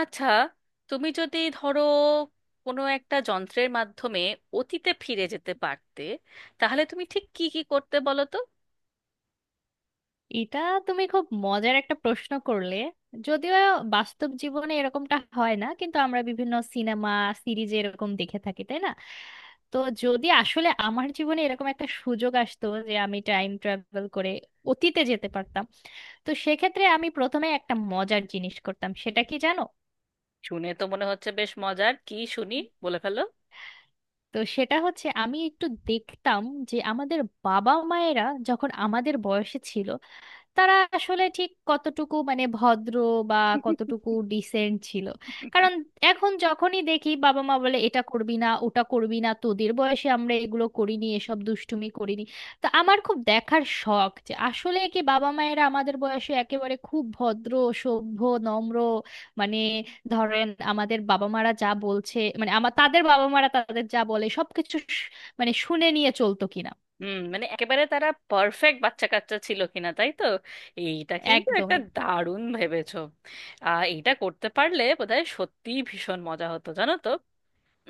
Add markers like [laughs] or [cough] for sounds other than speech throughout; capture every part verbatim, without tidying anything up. আচ্ছা, তুমি যদি ধরো কোনো একটা যন্ত্রের মাধ্যমে অতীতে ফিরে যেতে পারতে তাহলে তুমি ঠিক কি কি করতে বলো তো। এটা, তুমি খুব মজার একটা প্রশ্ন করলে। যদিও বাস্তব জীবনে এরকমটা হয় না, কিন্তু আমরা বিভিন্ন সিনেমা সিরিজে এরকম দেখে থাকি, তাই না? তো যদি আসলে আমার জীবনে এরকম একটা সুযোগ আসতো যে আমি টাইম ট্রাভেল করে অতীতে যেতে পারতাম, তো সেক্ষেত্রে আমি প্রথমে একটা মজার জিনিস করতাম, সেটা কি জানো? শুনে তো মনে হচ্ছে বেশ মজার, কি শুনি, বলে ফেলো। তো সেটা হচ্ছে, আমি একটু দেখতাম যে আমাদের বাবা মায়েরা যখন আমাদের বয়সে ছিল, তারা আসলে ঠিক কতটুকু, মানে, ভদ্র বা কতটুকু ডিসেন্ট ছিল। কারণ এখন যখনই দেখি, বাবা মা বলে এটা করবি না, ওটা করবি না, তোদের বয়সে আমরা এগুলো করিনি, এসব দুষ্টুমি করিনি। তো আমার খুব দেখার শখ যে আসলে কি বাবা মায়েরা আমাদের বয়সে একেবারে খুব ভদ্র, সভ্য, নম্র, মানে, ধরেন আমাদের বাবা মারা যা বলছে, মানে আমার তাদের বাবা মারা তাদের যা বলে সবকিছু শ- মানে শুনে নিয়ে চলতো কিনা। হুম, মানে একেবারে তারা পারফেক্ট বাচ্চা কাচ্চা ছিল কিনা তাই তো। এইটা কিন্তু একদম একটা একদম। দারুণ ভেবেছো। আহ, এইটা করতে পারলে বোধহয় সত্যিই ভীষণ মজা হতো জানো তো।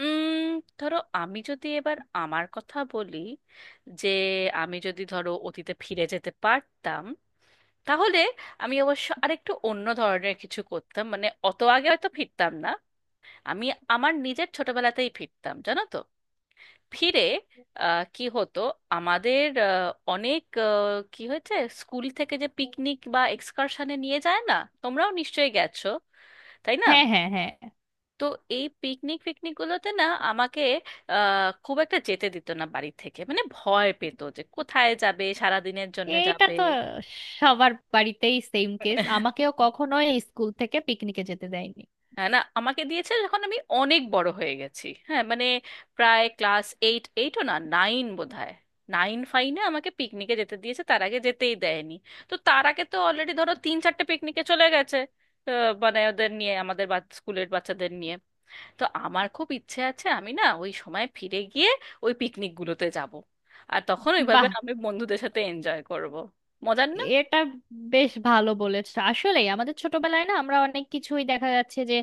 উম ধরো আমি যদি এবার আমার কথা বলি, যে আমি যদি ধরো অতীতে ফিরে যেতে পারতাম, তাহলে আমি অবশ্য আরেকটু অন্য ধরনের কিছু করতাম, মানে অত আগে হয়তো ফিরতাম না। আমি আমার নিজের ছোটবেলাতেই ফিরতাম জানো তো। ফিরে আহ, কি হতো আমাদের, আহ, অনেক আহ, কি হয়েছে, স্কুল থেকে যে পিকনিক বা এক্সকারশনে নিয়ে যায় না, তোমরাও নিশ্চয়ই গেছো তাই না। হ্যাঁ হ্যাঁ হ্যাঁ। তো এই পিকনিক ফিকনিক গুলোতে না আমাকে আহ, খুব একটা যেতে দিত না বাড়ি থেকে, মানে ভয় পেত যে কোথায় যাবে, সারাদিনের জন্য এইটা যাবে। তো সবার বাড়িতেই সেম কেস, আমাকেও [laughs] কখনো স্কুল থেকে পিকনিকে যেতে দেয়নি। হ্যাঁ, না আমাকে দিয়েছে যখন আমি অনেক বড় হয়ে গেছি, হ্যাঁ মানে প্রায় ক্লাস এইট, এইটও না, নাইন বোধহয়। নাইন ফাইনে আমাকে পিকনিকে যেতে দিয়েছে, তার আগে যেতেই দেয়নি। তো তার আগে তো অলরেডি ধরো তিন চারটে পিকনিকে চলে গেছে। আহ, মানে ওদের নিয়ে আমাদের স্কুলের বাচ্চাদের নিয়ে। তো আমার খুব ইচ্ছে আছে আমি না ওই সময় ফিরে গিয়ে ওই পিকনিকগুলোতে যাব, আর তখন ওইভাবে বাহ, আমি বন্ধুদের সাথে এনজয় করব। মজার না? এটা বেশ ভালো বলেছ। আসলে আমাদের ছোটবেলায় না, আমরা অনেক কিছুই দেখা যাচ্ছে যে,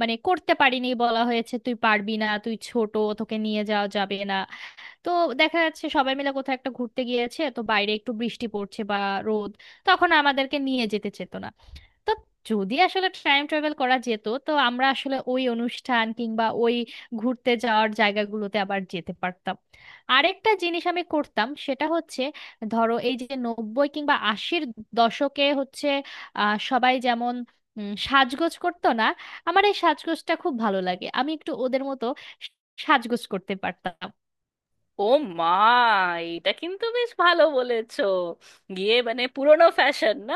মানে, করতে পারিনি। বলা হয়েছে তুই পারবি না, তুই ছোট, তোকে নিয়ে যাওয়া যাবে না। তো দেখা যাচ্ছে সবাই মিলে কোথাও একটা ঘুরতে গিয়েছে, তো বাইরে একটু বৃষ্টি পড়ছে বা রোদ, তখন আমাদেরকে নিয়ে যেতে চেত না। তো যদি আসলে টাইম ট্রাভেল করা যেত, তো আমরা আসলে ওই অনুষ্ঠান কিংবা ওই ঘুরতে যাওয়ার জায়গাগুলোতে আবার যেতে পারতাম। আরেকটা জিনিস আমি করতাম, সেটা হচ্ছে, ধরো এই যে নব্বই কিংবা আশির দশকে হচ্ছে, আহ সবাই যেমন উম, সাজগোজ করতো না, আমার এই সাজগোজটা খুব ভালো লাগে। আমি একটু ওদের মতো সাজগোজ করতে পারতাম। ও মা, এটা কিন্তু বেশ ভালো বলেছো, গিয়ে মানে পুরোনো ফ্যাশন না।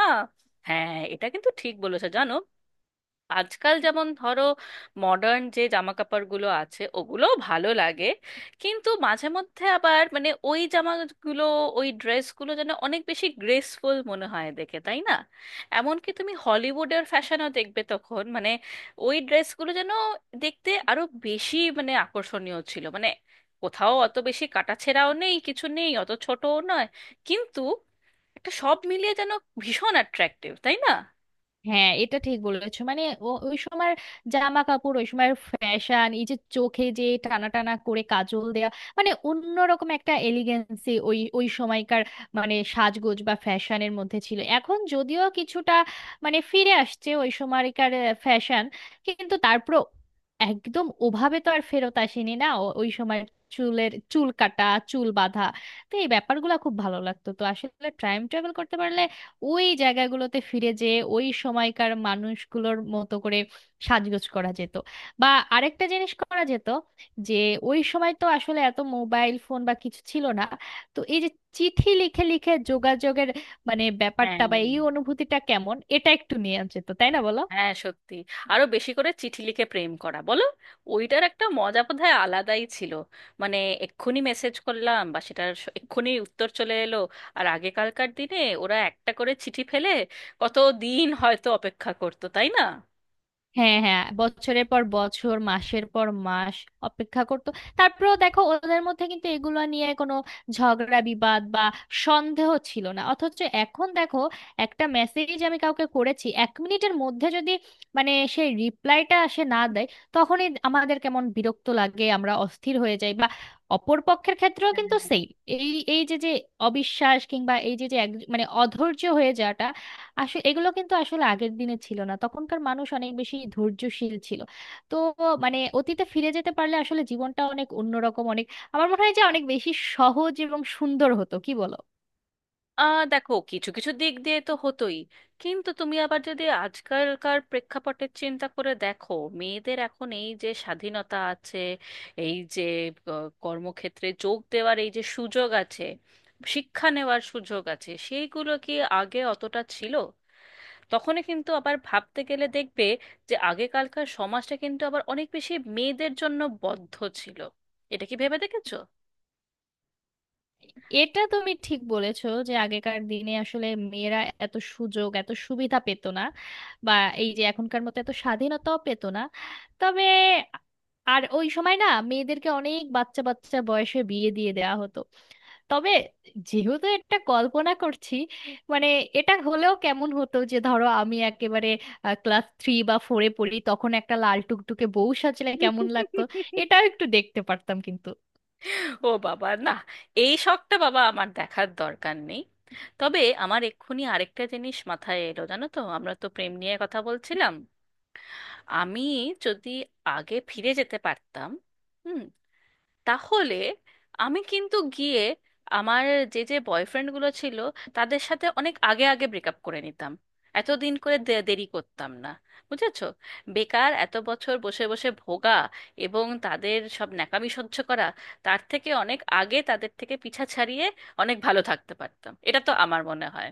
হ্যাঁ এটা কিন্তু ঠিক বলেছো জানো, আজকাল যেমন ধরো মডার্ন যে জামা কাপড়গুলো আছে ওগুলোও ভালো লাগে, কিন্তু মাঝে মধ্যে আবার মানে ওই জামাগুলো, ওই ড্রেসগুলো যেন অনেক বেশি গ্রেসফুল মনে হয় দেখে তাই না। এমনকি তুমি হলিউডের ফ্যাশনও দেখবে, তখন মানে ওই ড্রেসগুলো যেন দেখতে আরো বেশি মানে আকর্ষণীয় ছিল, মানে কোথাও অত বেশি কাটাছেঁড়াও নেই, কিছু নেই, অত ছোটও নয়, কিন্তু একটা সব মিলিয়ে যেন ভীষণ অ্যাট্রাক্টিভ তাই না। হ্যাঁ, এটা ঠিক বলেছো। মানে ও- ওই সময় জামা কাপড়, ওই সময় ফ্যাশন, এই যে চোখে যে টানা টানা করে কাজল দেয়া, মানে অন্যরকম একটা এলিগেন্সি ওই ওই সময়কার মানে সাজগোজ বা ফ্যাশনের মধ্যে ছিল। এখন যদিও কিছুটা, মানে, ফিরে আসছে ওই সময়কার ফ্যাশন, কিন্তু তারপর একদম ওভাবে তো আর ফেরত আসেনি না ও- ওই সময়। চুলের চুল কাটা, চুল বাঁধা, তো এই ব্যাপারগুলো খুব ভালো লাগতো। তো আসলে টাইম ট্রাভেল করতে পারলে ওই জায়গাগুলোতে ফিরে যেয়ে ওই সময়কার মানুষগুলোর মতো করে সাজগোজ করা যেত। বা আরেকটা জিনিস করা যেত, যে ওই সময় তো আসলে এত মোবাইল ফোন বা কিছু ছিল না, তো এই যে চিঠি লিখে লিখে যোগাযোগের, মানে ব্যাপারটা হ্যাঁ বা এই অনুভূতিটা কেমন, এটা একটু নিয়ে যেত, তাই না বলো? হ্যাঁ সত্যি, আরো বেশি করে চিঠি লিখে প্রেম করা বলো, ওইটার একটা মজা বোধহয় আলাদাই ছিল। মানে এক্ষুনি মেসেজ করলাম বা সেটার স- এক্ষুনি উত্তর চলে এলো, আর আগেকালকার দিনে ওরা একটা করে চিঠি ফেলে কত দিন হয়তো অপেক্ষা করতো তাই না। হ্যাঁ হ্যাঁ, বছরের পর বছর, মাসের পর মাস অপেক্ষা করতো। তারপরেও দেখো, ওদের মধ্যে কিন্তু এগুলো নিয়ে কোনো ঝগড়া বিবাদ বা সন্দেহ ছিল না। অথচ এখন দেখো, একটা মেসেজ আমি কাউকে করেছি, এক মিনিটের মধ্যে যদি, মানে, সেই রিপ্লাইটা আসে না দেয়, তখনই আমাদের কেমন বিরক্ত লাগে, আমরা অস্থির হয়ে যাই। বা অপর পক্ষের ক্ষেত্রেও কিন্তু সেই এই এই যে যে অবিশ্বাস, কিংবা এই যে যে এক- মানে অধৈর্য হয়ে যাওয়াটা, আসলে এগুলো কিন্তু আসলে আগের দিনে ছিল না। তখনকার মানুষ অনেক বেশি ধৈর্যশীল ছিল। তো, মানে, অতীতে ফিরে যেতে পারলে আসলে জীবনটা অনেক অন্যরকম, অনেক, আমার মনে হয় যে অনেক বেশি সহজ এবং সুন্দর হতো, কি বলো? আহ দেখো, কিছু কিছু দিক দিয়ে তো হতোই, কিন্তু তুমি আবার যদি আজকালকার প্রেক্ষাপটের চিন্তা করে দেখো, মেয়েদের এখন এই যে স্বাধীনতা আছে, এই যে আহ, কর্মক্ষেত্রে যোগ দেওয়ার এই যে সুযোগ আছে, শিক্ষা নেওয়ার সুযোগ আছে, সেইগুলো কি আগে অতটা ছিল? তখনই কিন্তু আবার ভাবতে গেলে দেখবে যে আগেকালকার সমাজটা কিন্তু আবার অনেক বেশি মেয়েদের জন্য বদ্ধ ছিল। এটা কি ভেবে দেখেছো? এটা তুমি ঠিক বলেছো যে আগেকার দিনে আসলে মেয়েরা এত সুযোগ এত সুবিধা পেত না, বা এই যে এখনকার মতো এত স্বাধীনতাও পেত না। তবে, আর ওই সময় না মেয়েদেরকে অনেক বাচ্চা বাচ্চা বয়সে বিয়ে দিয়ে দেওয়া হতো। তবে যেহেতু একটা কল্পনা করছি, মানে, এটা হলেও কেমন হতো যে ধরো আমি একেবারে ক্লাস থ্রি বা ফোরে পড়ি, তখন একটা লাল টুকটুকে বউ সাজলে কেমন লাগতো, [laughs] এটাও একটু দেখতে পারতাম। কিন্তু ও বাবা না, এই শখটা বাবা আমার দেখার দরকার নেই। তবে আমার এক্ষুনি আরেকটা জিনিস মাথায় এলো জানো তো, আমরা তো প্রেম নিয়ে কথা বলছিলাম, আমি যদি আগে ফিরে যেতে পারতাম, হুম, তাহলে আমি কিন্তু গিয়ে আমার যে যে বয়ফ্রেন্ডগুলো ছিল তাদের সাথে অনেক আগে আগে ব্রেকআপ করে নিতাম, এতদিন করে দে- দেরি করতাম না বুঝেছো। বেকার এত বছর বসে বসে ভোগা এবং তাদের সব ন্যাকামি সহ্য করা, তার থেকে অনেক আগে তাদের থেকে পিছা ছাড়িয়ে অনেক ভালো থাকতে পারতাম, এটা তো আমার মনে হয়।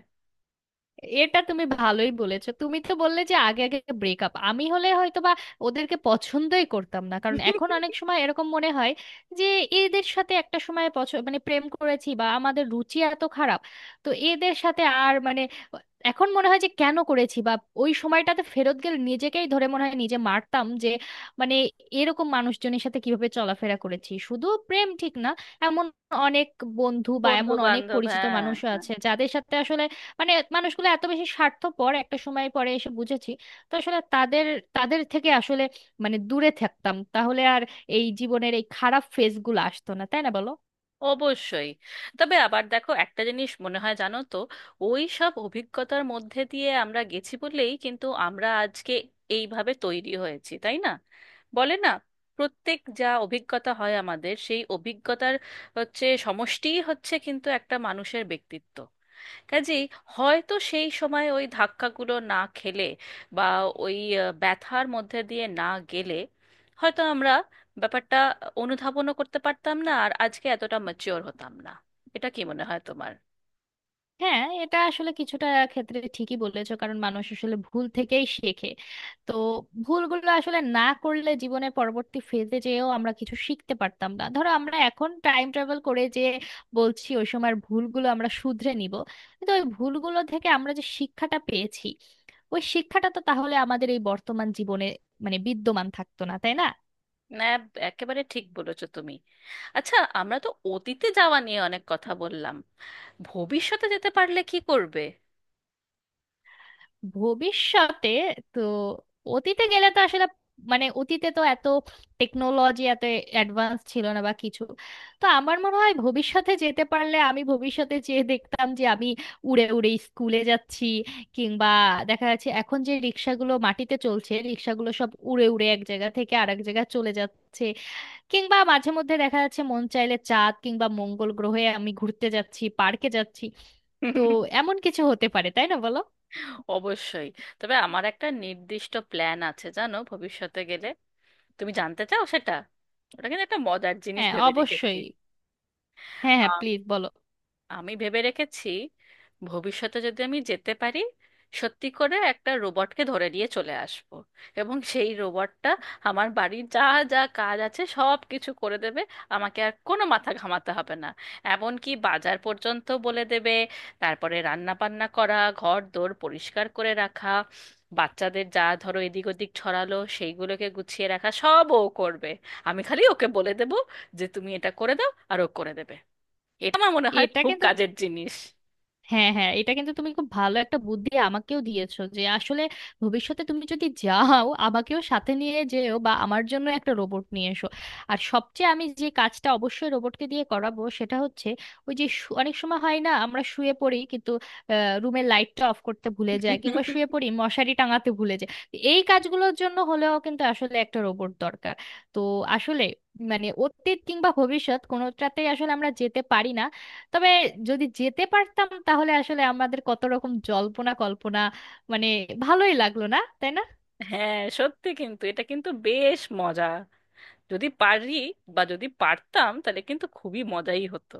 এটা তুমি ভালোই বলেছো। তুমি তো বললে যে আগে আগে ব্রেকআপ, আমি হলে হয়তো বা ওদেরকে পছন্দই করতাম না, কারণ এখন অনেক [laughs] সময় এরকম মনে হয় যে এদের সাথে একটা সময় পছ- মানে প্রেম করেছি, বা আমাদের রুচি এত খারাপ, তো এদের সাথে আর, মানে, এখন মনে হয় যে কেন করেছি। বা ওই সময়টাতে ফেরত গেলে নিজেকেই ধরে মনে হয় নিজে মারতাম, যে, মানে, এরকম মানুষজনের সাথে কিভাবে চলাফেরা করেছি। শুধু প্রেম ঠিক না, এমন অনেক বন্ধু বা বন্ধু এমন অনেক বান্ধব, পরিচিত হ্যাঁ মানুষ হ্যাঁ, আছে যাদের সাথে আসলে, মানে, মানুষগুলো এত বেশি স্বার্থপর, একটা সময় পরে এসে বুঝেছি। তো আসলে তাদের তাদের থেকে আসলে, মানে, দূরে থাকতাম, তাহলে আর এই জীবনের এই খারাপ ফেজগুলো আসতো না, তাই না বলো? অবশ্যই। তবে আবার দেখো একটা জিনিস মনে হয় জানো তো, ওই সব অভিজ্ঞতার মধ্যে দিয়ে আমরা গেছি বলেই কিন্তু আমরা আজকে এইভাবে তৈরি হয়েছি তাই না। বলে না, প্রত্যেক যা অভিজ্ঞতা হয় আমাদের, সেই অভিজ্ঞতার হচ্ছে সমষ্টিই হচ্ছে কিন্তু একটা মানুষের ব্যক্তিত্ব। কাজেই হয়তো সেই সময় ওই ধাক্কাগুলো না খেলে, বা ওই আহ, ব্যথার মধ্যে দিয়ে না গেলে, হয়তো আমরা ব্যাপারটা অনুধাবনও করতে পারতাম না, আর আজকে এতটা ম্যাচিওর হতাম না। এটা কি মনে হয় তোমার? হ্যাঁ, এটা আসলে কিছুটা ক্ষেত্রে ঠিকই বলেছো, কারণ মানুষ আসলে ভুল থেকেই শেখে। তো ভুলগুলো আসলে না করলে জীবনের পরবর্তী ফেজে যেও আমরা কিছু শিখতে পারতাম না। ধরো আমরা এখন টাইম ট্রাভেল করে যে বলছি ওই সময়ের ভুলগুলো আমরা শুধরে নিব, কিন্তু ওই ভুলগুলো থেকে আমরা যে শিক্ষাটা পেয়েছি, ওই শিক্ষাটা তো তাহলে আমাদের এই বর্তমান জীবনে, মানে, বিদ্যমান থাকতো না, তাই না? না, একেবারে ঠিক বলেছো তুমি। আচ্ছা, আমরা তো অতীতে যাওয়া নিয়ে অনেক কথা বললাম, ভবিষ্যতে যেতে পারলে কি করবে? ভবিষ্যতে তো, অতীতে গেলে তো আসলে, মানে, অতীতে তো এত টেকনোলজি এত অ্যাডভান্স ছিল না বা কিছু। তো আমার মনে হয় ভবিষ্যতে যেতে পারলে আমি ভবিষ্যতে যেয়ে দেখতাম যে আমি উড়ে উড়ে স্কুলে যাচ্ছি, কিংবা দেখা যাচ্ছে এখন যে রিক্সাগুলো মাটিতে চলছে, রিক্সাগুলো সব উড়ে উড়ে এক জায়গা থেকে আরেক জায়গায় চলে যাচ্ছে, কিংবা মাঝে মধ্যে দেখা যাচ্ছে মন চাইলে চাঁদ কিংবা মঙ্গল গ্রহে আমি ঘুরতে যাচ্ছি, পার্কে যাচ্ছি। তো এমন কিছু হতে পারে, তাই না বলো? অবশ্যই, তবে আমার একটা নির্দিষ্ট প্ল্যান আছে জানো ভবিষ্যতে গেলে, তুমি জানতে চাও সেটা? ওটা কিন্তু একটা মজার জিনিস হ্যাঁ, ভেবে রেখেছি। অবশ্যই। হ্যাঁ হ্যাঁ, প্লিজ বলো। আমি ভেবে রেখেছি, ভবিষ্যতে যদি আমি যেতে পারি, সত্যি করে একটা রোবটকে ধরে নিয়ে চলে আসব, এবং সেই রোবটটা আমার বাড়ির যা যা কাজ আছে সব কিছু করে দেবে, আমাকে আর কোনো মাথা ঘামাতে হবে না। এমনকি বাজার পর্যন্ত বলে দেবে, তারপরে রান্না বান্না করা, ঘর দোর পরিষ্কার করে রাখা, বাচ্চাদের যা ধরো এদিক ওদিক ছড়ালো সেইগুলোকে গুছিয়ে রাখা, সব ও করবে। আমি খালি ওকে বলে দেবো যে তুমি এটা করে দাও, আর ও করে দেবে। এটা আমার মনে হয় এটা খুব কিন্তু, কাজের জিনিস। হ্যাঁ হ্যাঁ, এটা কিন্তু তুমি খুব ভালো একটা বুদ্ধি আমাকেও দিয়েছো যে আসলে ভবিষ্যতে তুমি যদি যাও আমাকেও সাথে নিয়ে যেও, বা আমার জন্য একটা রোবট নিয়ে এসো। আর সবচেয়ে আমি যে কাজটা অবশ্যই রোবটকে দিয়ে করাবো সেটা হচ্ছে, ওই যে শু- অনেক সময় হয় না আমরা শুয়ে পড়ি কিন্তু রুমের লাইটটা অফ করতে ভুলে যায়, কিংবা শুয়ে পড়ি মশারি টাঙাতে ভুলে যায়, তো এই কাজগুলোর জন্য হলেও কিন্তু আসলে একটা রোবট দরকার। তো আসলে, মানে, অতীত কিংবা ভবিষ্যৎ কোনোটাতেই আসলে আমরা যেতে পারি না। তবে যদি যেতে পারতাম, তাহলে আসলে আমাদের কত রকম জল্পনা কল্পনা, মানে, ভালোই লাগলো না, তাই না? হ্যাঁ সত্যি, কিন্তু এটা কিন্তু বেশ মজা, যদি পারি বা যদি পারতাম তাহলে কিন্তু খুবই মজাই হতো